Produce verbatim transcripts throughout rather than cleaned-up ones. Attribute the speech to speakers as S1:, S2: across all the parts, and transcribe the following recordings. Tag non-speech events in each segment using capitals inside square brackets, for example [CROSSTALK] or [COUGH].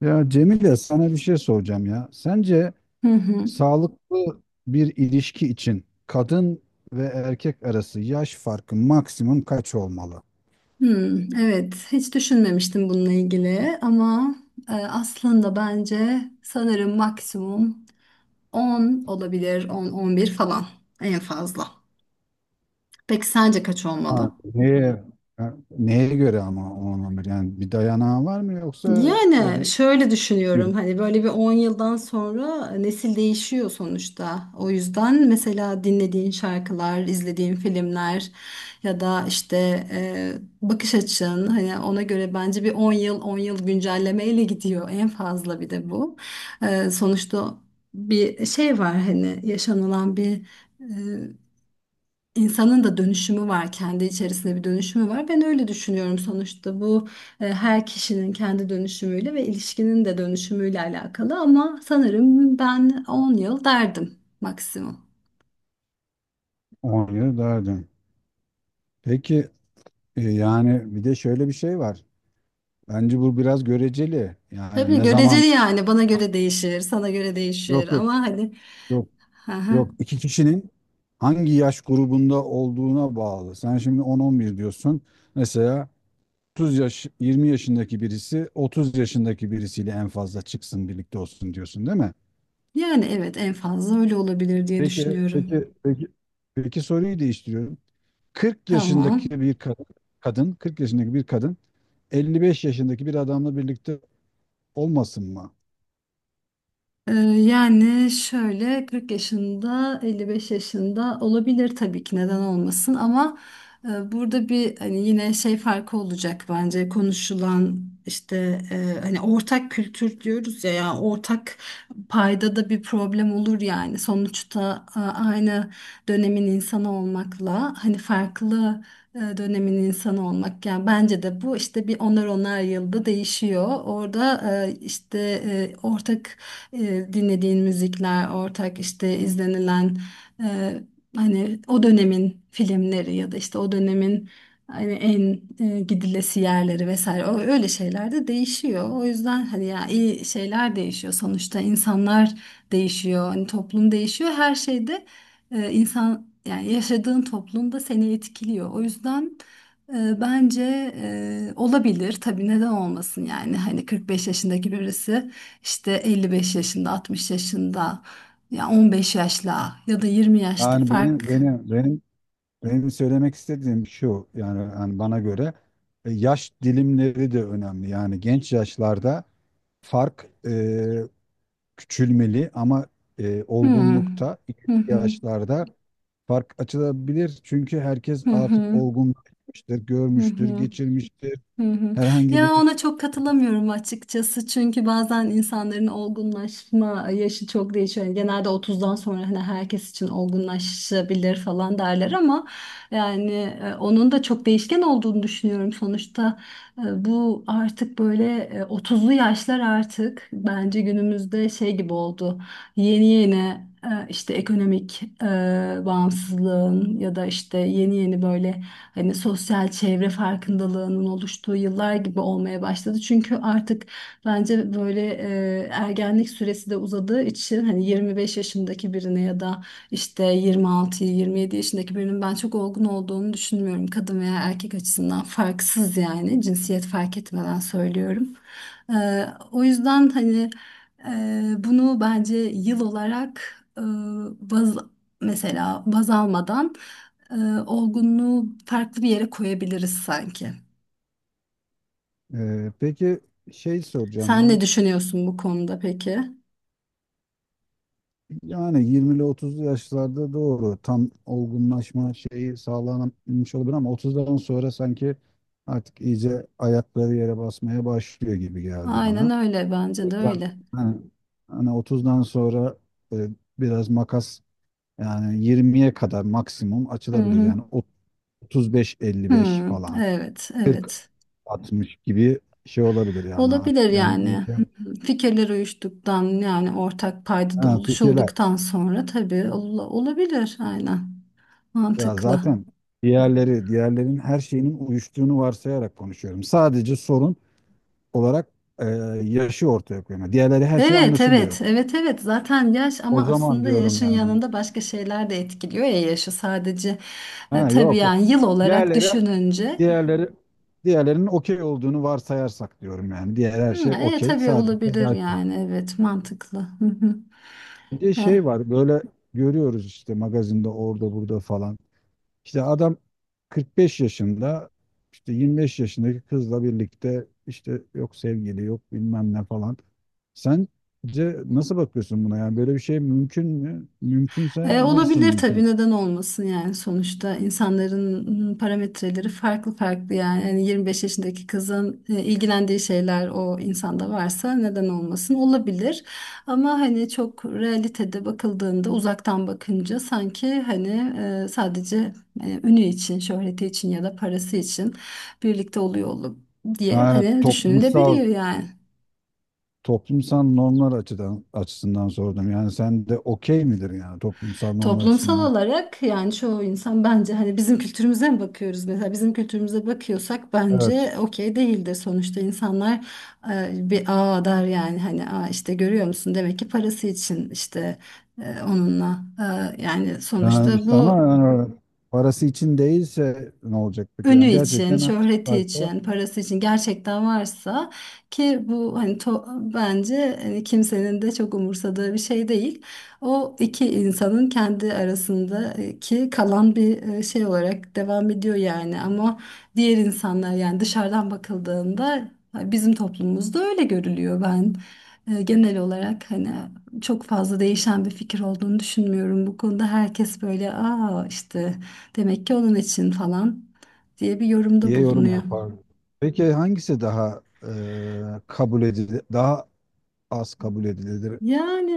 S1: Ya Cemile sana bir şey soracağım ya. Sence
S2: Hı hı.
S1: sağlıklı bir ilişki için kadın ve erkek arası yaş farkı maksimum kaç olmalı?
S2: Hmm, evet, hiç düşünmemiştim bununla ilgili ama e, aslında bence sanırım maksimum on olabilir, on on bir falan en fazla. Peki sence kaç
S1: Ha,
S2: olmalı?
S1: neye, ha, neye göre ama olmalı? Yani bir dayanağı var mı, yoksa
S2: Yani
S1: böyle
S2: şöyle
S1: iki
S2: düşünüyorum
S1: yıl,
S2: hani böyle bir on yıldan sonra nesil değişiyor sonuçta. O yüzden mesela dinlediğin şarkılar, izlediğin filmler ya da işte e, bakış açın hani ona göre bence bir on yıl on yıl güncellemeyle gidiyor en fazla bir de bu. E, sonuçta bir şey var hani yaşanılan bir e, İnsanın da dönüşümü var, kendi içerisinde bir dönüşümü var. Ben öyle düşünüyorum sonuçta bu e, her kişinin kendi dönüşümüyle ve ilişkinin de dönüşümüyle alakalı ama sanırım ben on yıl derdim maksimum.
S1: on yıl daha dön. Peki, e, yani bir de şöyle bir şey var. Bence bu biraz göreceli. Yani
S2: Tabii
S1: ne zaman,
S2: göreceli yani bana göre değişir, sana göre değişir
S1: yok, yok,
S2: ama hani.
S1: yok.
S2: Hı hı.
S1: Yok, iki kişinin hangi yaş grubunda olduğuna bağlı. Sen şimdi on, on bir diyorsun. Mesela otuz yaş, yirmi yaşındaki birisi otuz yaşındaki birisiyle en fazla çıksın, birlikte olsun diyorsun değil mi?
S2: Yani evet en fazla öyle olabilir diye
S1: Peki, peki,
S2: düşünüyorum.
S1: peki, peki, soruyu değiştiriyorum. 40
S2: Tamam.
S1: yaşındaki bir ka- kadın, kırk yaşındaki bir kadın elli beş yaşındaki bir adamla birlikte olmasın mı?
S2: Ee, Yani şöyle kırk yaşında elli beş yaşında olabilir tabii ki neden olmasın ama e, burada bir hani yine şey farkı olacak bence konuşulan işte e, hani ortak kültür diyoruz ya ya ortak payda da bir problem olur yani sonuçta e, aynı dönemin insanı olmakla hani farklı e, dönemin insanı olmak yani bence de bu işte bir onar onar yılda değişiyor orada e, işte e, ortak e, dinlediğin müzikler, ortak işte izlenilen e, hani o dönemin filmleri ya da işte o dönemin hani en e, gidilesi yerleri vesaire o öyle şeyler de değişiyor. O yüzden hani ya iyi şeyler değişiyor sonuçta insanlar değişiyor, hani toplum değişiyor. Her şeyde e, insan yani yaşadığın toplum da seni etkiliyor. O yüzden e, Bence e, olabilir tabii neden olmasın yani hani kırk beş yaşındaki birisi işte elli beş yaşında, altmış yaşında, ya on beş yaşla ya da yirmi yaşta
S1: Yani benim
S2: fark.
S1: benim benim Benim söylemek istediğim şu, yani, yani bana göre e, yaş dilimleri de önemli. Yani genç yaşlarda fark e, küçülmeli ama e,
S2: Hmm.
S1: olgunlukta, ileriki
S2: Hı hı.
S1: yaşlarda fark açılabilir. Çünkü herkes
S2: Hı
S1: artık
S2: hı.
S1: olgunlaşmıştır,
S2: Hı
S1: görmüştür,
S2: hı.
S1: geçirmiştir.
S2: Hı hı.
S1: Herhangi
S2: Ya
S1: bir,
S2: ona çok katılamıyorum açıkçası çünkü bazen insanların olgunlaşma yaşı çok değişiyor. Yani genelde otuzdan sonra hani herkes için olgunlaşabilir falan derler ama yani e, onun da çok değişken olduğunu düşünüyorum. Sonuçta e, bu artık böyle e, otuzlu yaşlar artık bence günümüzde şey gibi oldu yeni yeni e, işte ekonomik e, bağımsızlığın ya da işte yeni yeni böyle hani sosyal çevre farkındalığının oluştuğu yıllar gibi olmaya başladı. Çünkü artık bence böyle e, ergenlik süresi de uzadığı için hani yirmi beş yaşındaki birine ya da işte yirmi altı, yirmi yedi yaşındaki birinin ben çok olgun olduğunu düşünmüyorum. Kadın veya erkek açısından farksız yani cinsiyet fark etmeden söylüyorum. E, o yüzden hani ee, bunu bence yıl olarak e, baz, mesela baz almadan e, olgunluğu farklı bir yere koyabiliriz sanki.
S1: e, peki şey soracağım
S2: Sen
S1: ya.
S2: ne düşünüyorsun bu konuda peki?
S1: Yani yirmili otuzlu yaşlarda doğru tam olgunlaşma şeyi sağlanmış olabilir, ama otuzdan sonra sanki artık iyice ayakları yere basmaya başlıyor gibi geldi
S2: Aynen
S1: bana.
S2: öyle bence de
S1: Yani,
S2: öyle.
S1: hani, hani otuzdan sonra e, biraz makas, yani yirmiye kadar maksimum
S2: Hı
S1: açılabilir.
S2: hı.
S1: Yani
S2: Hı,
S1: otuz beş elli beş falan,
S2: evet, evet.
S1: kırk altmış gibi şey olabilir yani artık.
S2: Olabilir
S1: Yani
S2: yani.
S1: iyice,
S2: Hı hı. Fikirler uyuştuktan yani ortak paydada
S1: ha, fikirler.
S2: buluşulduktan sonra tabii ol- olabilir aynen.
S1: Ya
S2: Mantıklı.
S1: zaten diğerleri, diğerlerin her şeyinin uyuştuğunu varsayarak konuşuyorum. Sadece sorun olarak e, yaşı ortaya koyuyorum. Yani diğerleri, her şey
S2: Evet
S1: anlaşılıyor.
S2: evet evet evet zaten yaş
S1: O
S2: ama
S1: zaman
S2: aslında
S1: diyorum
S2: yaşın
S1: yani.
S2: yanında başka şeyler de etkiliyor ya yaşı sadece e,
S1: Ha,
S2: tabii
S1: yok, yok.
S2: yani yıl olarak
S1: Diğerleri,
S2: düşününce.
S1: diğerleri, diğerlerinin okey olduğunu varsayarsak diyorum yani. Diğer her
S2: Hı,
S1: şey
S2: e,
S1: okey.
S2: tabii
S1: Sadece
S2: olabilir
S1: yaş var.
S2: yani evet mantıklı. Hı hı.
S1: Bir de şey
S2: E.
S1: var, böyle görüyoruz işte, magazinde, orada burada falan. İşte adam kırk beş yaşında, işte yirmi beş yaşındaki kızla birlikte, işte yok sevgili, yok bilmem ne falan. Sence nasıl bakıyorsun buna, yani böyle bir şey mümkün mü?
S2: E,
S1: Mümkünse nasıl
S2: olabilir
S1: mümkün?
S2: tabii neden olmasın yani sonuçta insanların parametreleri farklı farklı yani, yani yirmi beş yaşındaki kızın e, ilgilendiği şeyler o insanda varsa neden olmasın olabilir ama hani çok realitede bakıldığında uzaktan bakınca sanki hani e, sadece e, ünü için şöhreti için ya da parası için birlikte oluyor olup diye
S1: Yani
S2: hani düşünülebiliyor
S1: toplumsal
S2: yani.
S1: toplumsal normlar açıdan açısından sordum. Yani sen de okey midir, yani toplumsal normlar
S2: Toplumsal
S1: açısından?
S2: olarak yani çoğu insan bence hani bizim kültürümüze mi bakıyoruz mesela bizim kültürümüze bakıyorsak
S1: Evet.
S2: bence okey değildir sonuçta insanlar e, bir aa der yani hani aa işte görüyor musun demek ki parası için işte e, onunla. E, yani
S1: Yani
S2: sonuçta
S1: işte ama
S2: bu
S1: yani, parası için değilse ne olacak peki?
S2: ünü
S1: Yani
S2: için,
S1: gerçekten
S2: şöhreti
S1: hakikaten
S2: için, parası için gerçekten varsa ki bu hani to- bence hani kimsenin de çok umursadığı bir şey değil. O iki insanın kendi arasındaki kalan bir e, şey olarak devam ediyor yani ama diğer insanlar yani dışarıdan bakıldığında bizim toplumumuzda öyle görülüyor ben. e, Genel olarak hani çok fazla değişen bir fikir olduğunu düşünmüyorum bu konuda. Herkes böyle aa işte demek ki onun için falan diye bir yorumda
S1: diye yorum
S2: bulunuyor.
S1: yapar. Peki hangisi daha e, kabul edilir, daha az kabul edilir?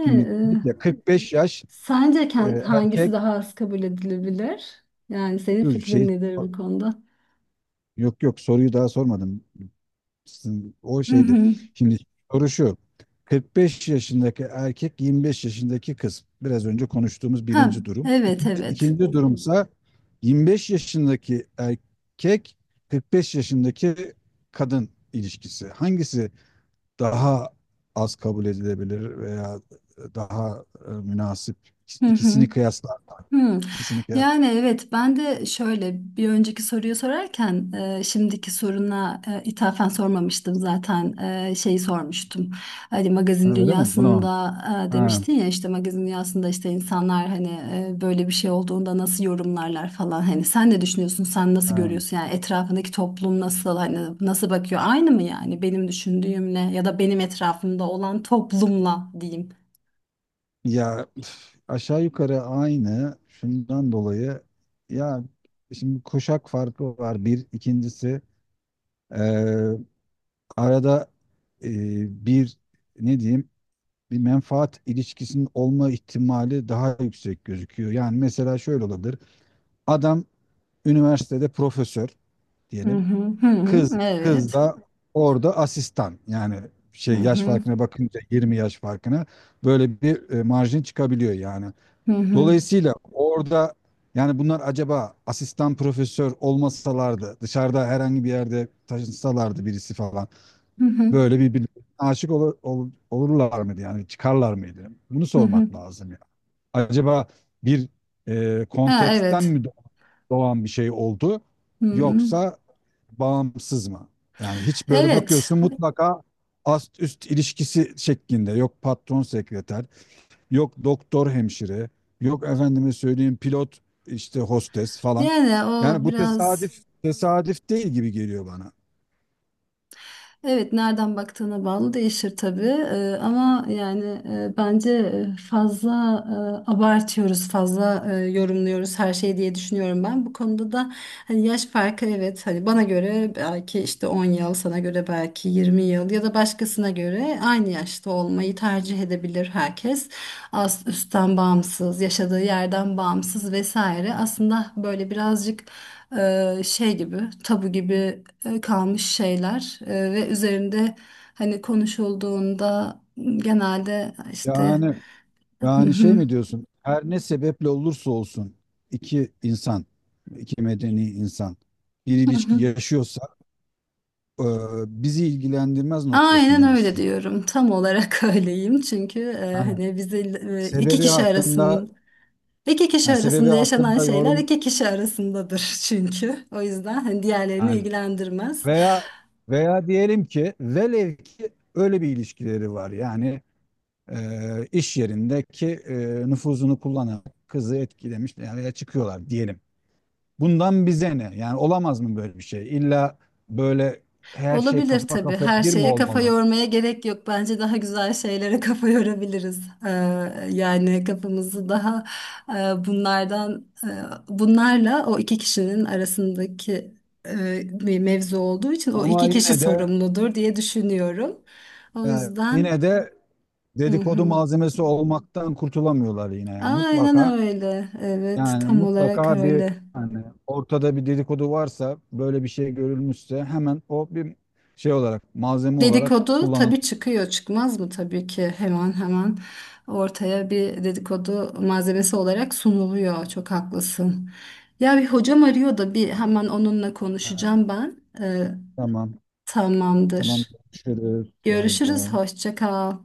S1: Şimdi dedik ya, kırk beş
S2: e,
S1: yaş,
S2: sence
S1: e,
S2: kend- hangisi
S1: erkek,
S2: daha az kabul edilebilir? Yani senin
S1: dur
S2: fikrin
S1: şey,
S2: nedir bu konuda?
S1: yok yok, soruyu daha sormadım. Sizin- O
S2: Hı
S1: şeydi.
S2: hı.
S1: Şimdi soru şu. kırk beş yaşındaki erkek, yirmi beş yaşındaki kız. Biraz önce konuştuğumuz
S2: Ha,
S1: birinci durum.
S2: evet
S1: İkinci,
S2: evet.
S1: ikinci durumsa yirmi beş yaşındaki erkek kırk beş yaşındaki kadın ilişkisi. Hangisi daha az kabul edilebilir, veya daha e, münasip,
S2: Hı hı.
S1: ikisini kıyaslar,
S2: Hmm.
S1: ikisini kıyas,
S2: Yani evet ben de şöyle bir önceki soruyu sorarken e, şimdiki soruna e, ithafen sormamıştım zaten e, şeyi sormuştum. Hani magazin
S1: öyle mi bunu,
S2: dünyasında e,
S1: ha,
S2: demiştin ya işte magazin dünyasında işte insanlar hani e, böyle bir şey olduğunda nasıl yorumlarlar falan hani sen ne düşünüyorsun sen nasıl
S1: ha.
S2: görüyorsun yani etrafındaki toplum nasıl hani nasıl bakıyor aynı mı yani benim düşündüğümle ya da benim etrafımda olan toplumla diyeyim.
S1: Ya, üf, aşağı yukarı aynı şundan dolayı, ya, şimdi kuşak farkı var. Bir ikincisi, e, arada e, bir, ne diyeyim, bir menfaat ilişkisinin olma ihtimali daha yüksek gözüküyor yani. Mesela şöyle olabilir, adam üniversitede profesör
S2: Hı
S1: diyelim.
S2: hı hı
S1: Kız
S2: hı
S1: kız
S2: evet.
S1: da orada asistan. Yani
S2: Hı
S1: şey, yaş
S2: hı
S1: farkına bakınca, yirmi yaş farkına, böyle bir e, marjin çıkabiliyor yani.
S2: hı hı.
S1: Dolayısıyla orada, yani bunlar acaba asistan profesör olmasalardı, dışarıda herhangi bir yerde taşınsalardı birisi falan,
S2: Hı hı,
S1: böyle birbirine aşık olur, ol- olurlar mıydı yani, çıkarlar mıydı? Bunu
S2: hı hı.
S1: sormak lazım ya. Acaba bir e,
S2: Ha,
S1: konteksten
S2: evet.
S1: mi doğan bir şey oldu,
S2: Hı hı.
S1: yoksa bağımsız mı? Yani hiç böyle
S2: Evet.
S1: bakıyorsun, mutlaka ast üst ilişkisi şeklinde. Yok patron sekreter, yok doktor hemşire, yok efendime söyleyeyim pilot işte, hostes falan.
S2: Yani o
S1: Yani bu
S2: biraz
S1: tesadüf, tesadüf değil gibi geliyor bana.
S2: evet nereden baktığına bağlı değişir tabii. Ee, ama yani e, bence e, fazla e, abartıyoruz, fazla e, yorumluyoruz her şeyi diye düşünüyorum ben. Bu konuda da hani yaş farkı evet hani bana göre belki işte on yıl, sana göre belki yirmi yıl ya da başkasına göre aynı yaşta olmayı tercih edebilir herkes. As üstten bağımsız, yaşadığı yerden bağımsız vesaire. Aslında böyle birazcık e, şey gibi, tabu gibi e, kalmış şeyler E, ve üzerinde hani konuşulduğunda genelde işte
S1: Yani
S2: "Hı
S1: yani şey
S2: hı,
S1: mi diyorsun? Her ne sebeple olursa olsun iki insan, iki medeni insan bir
S2: hı
S1: ilişki
S2: hı."
S1: yaşıyorsa, e, bizi ilgilendirmez
S2: Aynen
S1: noktasında
S2: öyle
S1: mısın?
S2: diyorum. Tam olarak [LAUGHS] öyleyim. Çünkü e,
S1: Yani
S2: hani bizi e, iki
S1: sebebi
S2: kişi
S1: hakkında
S2: arasında iki kişi
S1: yani sebebi
S2: arasında yaşanan
S1: hakkında
S2: şeyler
S1: yorum,
S2: iki kişi arasındadır [LAUGHS] çünkü. O yüzden hani diğerlerini
S1: yani,
S2: ilgilendirmez.
S1: veya, veya diyelim ki, velev ki öyle bir ilişkileri var. Yani e, iş yerindeki e, nüfuzunu kullanan kızı etkilemiş yani, ya çıkıyorlar diyelim. Bundan bize ne? Yani olamaz mı böyle bir şey? İlla böyle her şey
S2: Olabilir
S1: kafa
S2: tabii.
S1: kafaya
S2: Her
S1: bir mi
S2: şeye kafa
S1: olmalı?
S2: yormaya gerek yok. Bence daha güzel şeylere [LAUGHS] kafa yorabiliriz. Ee, yani kafamızı daha e, bunlardan, e, bunlarla o iki kişinin arasındaki e, bir mevzu olduğu için o
S1: Ama
S2: iki kişi
S1: yine de,
S2: sorumludur diye düşünüyorum. O
S1: yani
S2: yüzden,
S1: yine de,
S2: hı
S1: dedikodu
S2: hı.
S1: malzemesi olmaktan kurtulamıyorlar yine, yani
S2: Aynen
S1: mutlaka.
S2: öyle. Evet,
S1: Yani
S2: tam olarak
S1: mutlaka bir,
S2: öyle.
S1: hani, ortada bir dedikodu varsa, böyle bir şey görülmüşse, hemen o bir şey olarak, malzeme olarak
S2: Dedikodu
S1: kullanılır.
S2: tabii çıkıyor çıkmaz mı tabii ki hemen hemen ortaya bir dedikodu malzemesi olarak sunuluyor çok haklısın. Ya bir hocam arıyor da bir hemen onunla konuşacağım ben. Ee,
S1: Tamam. Tamam.
S2: Tamamdır.
S1: Görüşürüz. Bay
S2: Görüşürüz,
S1: bay.
S2: hoşça kal.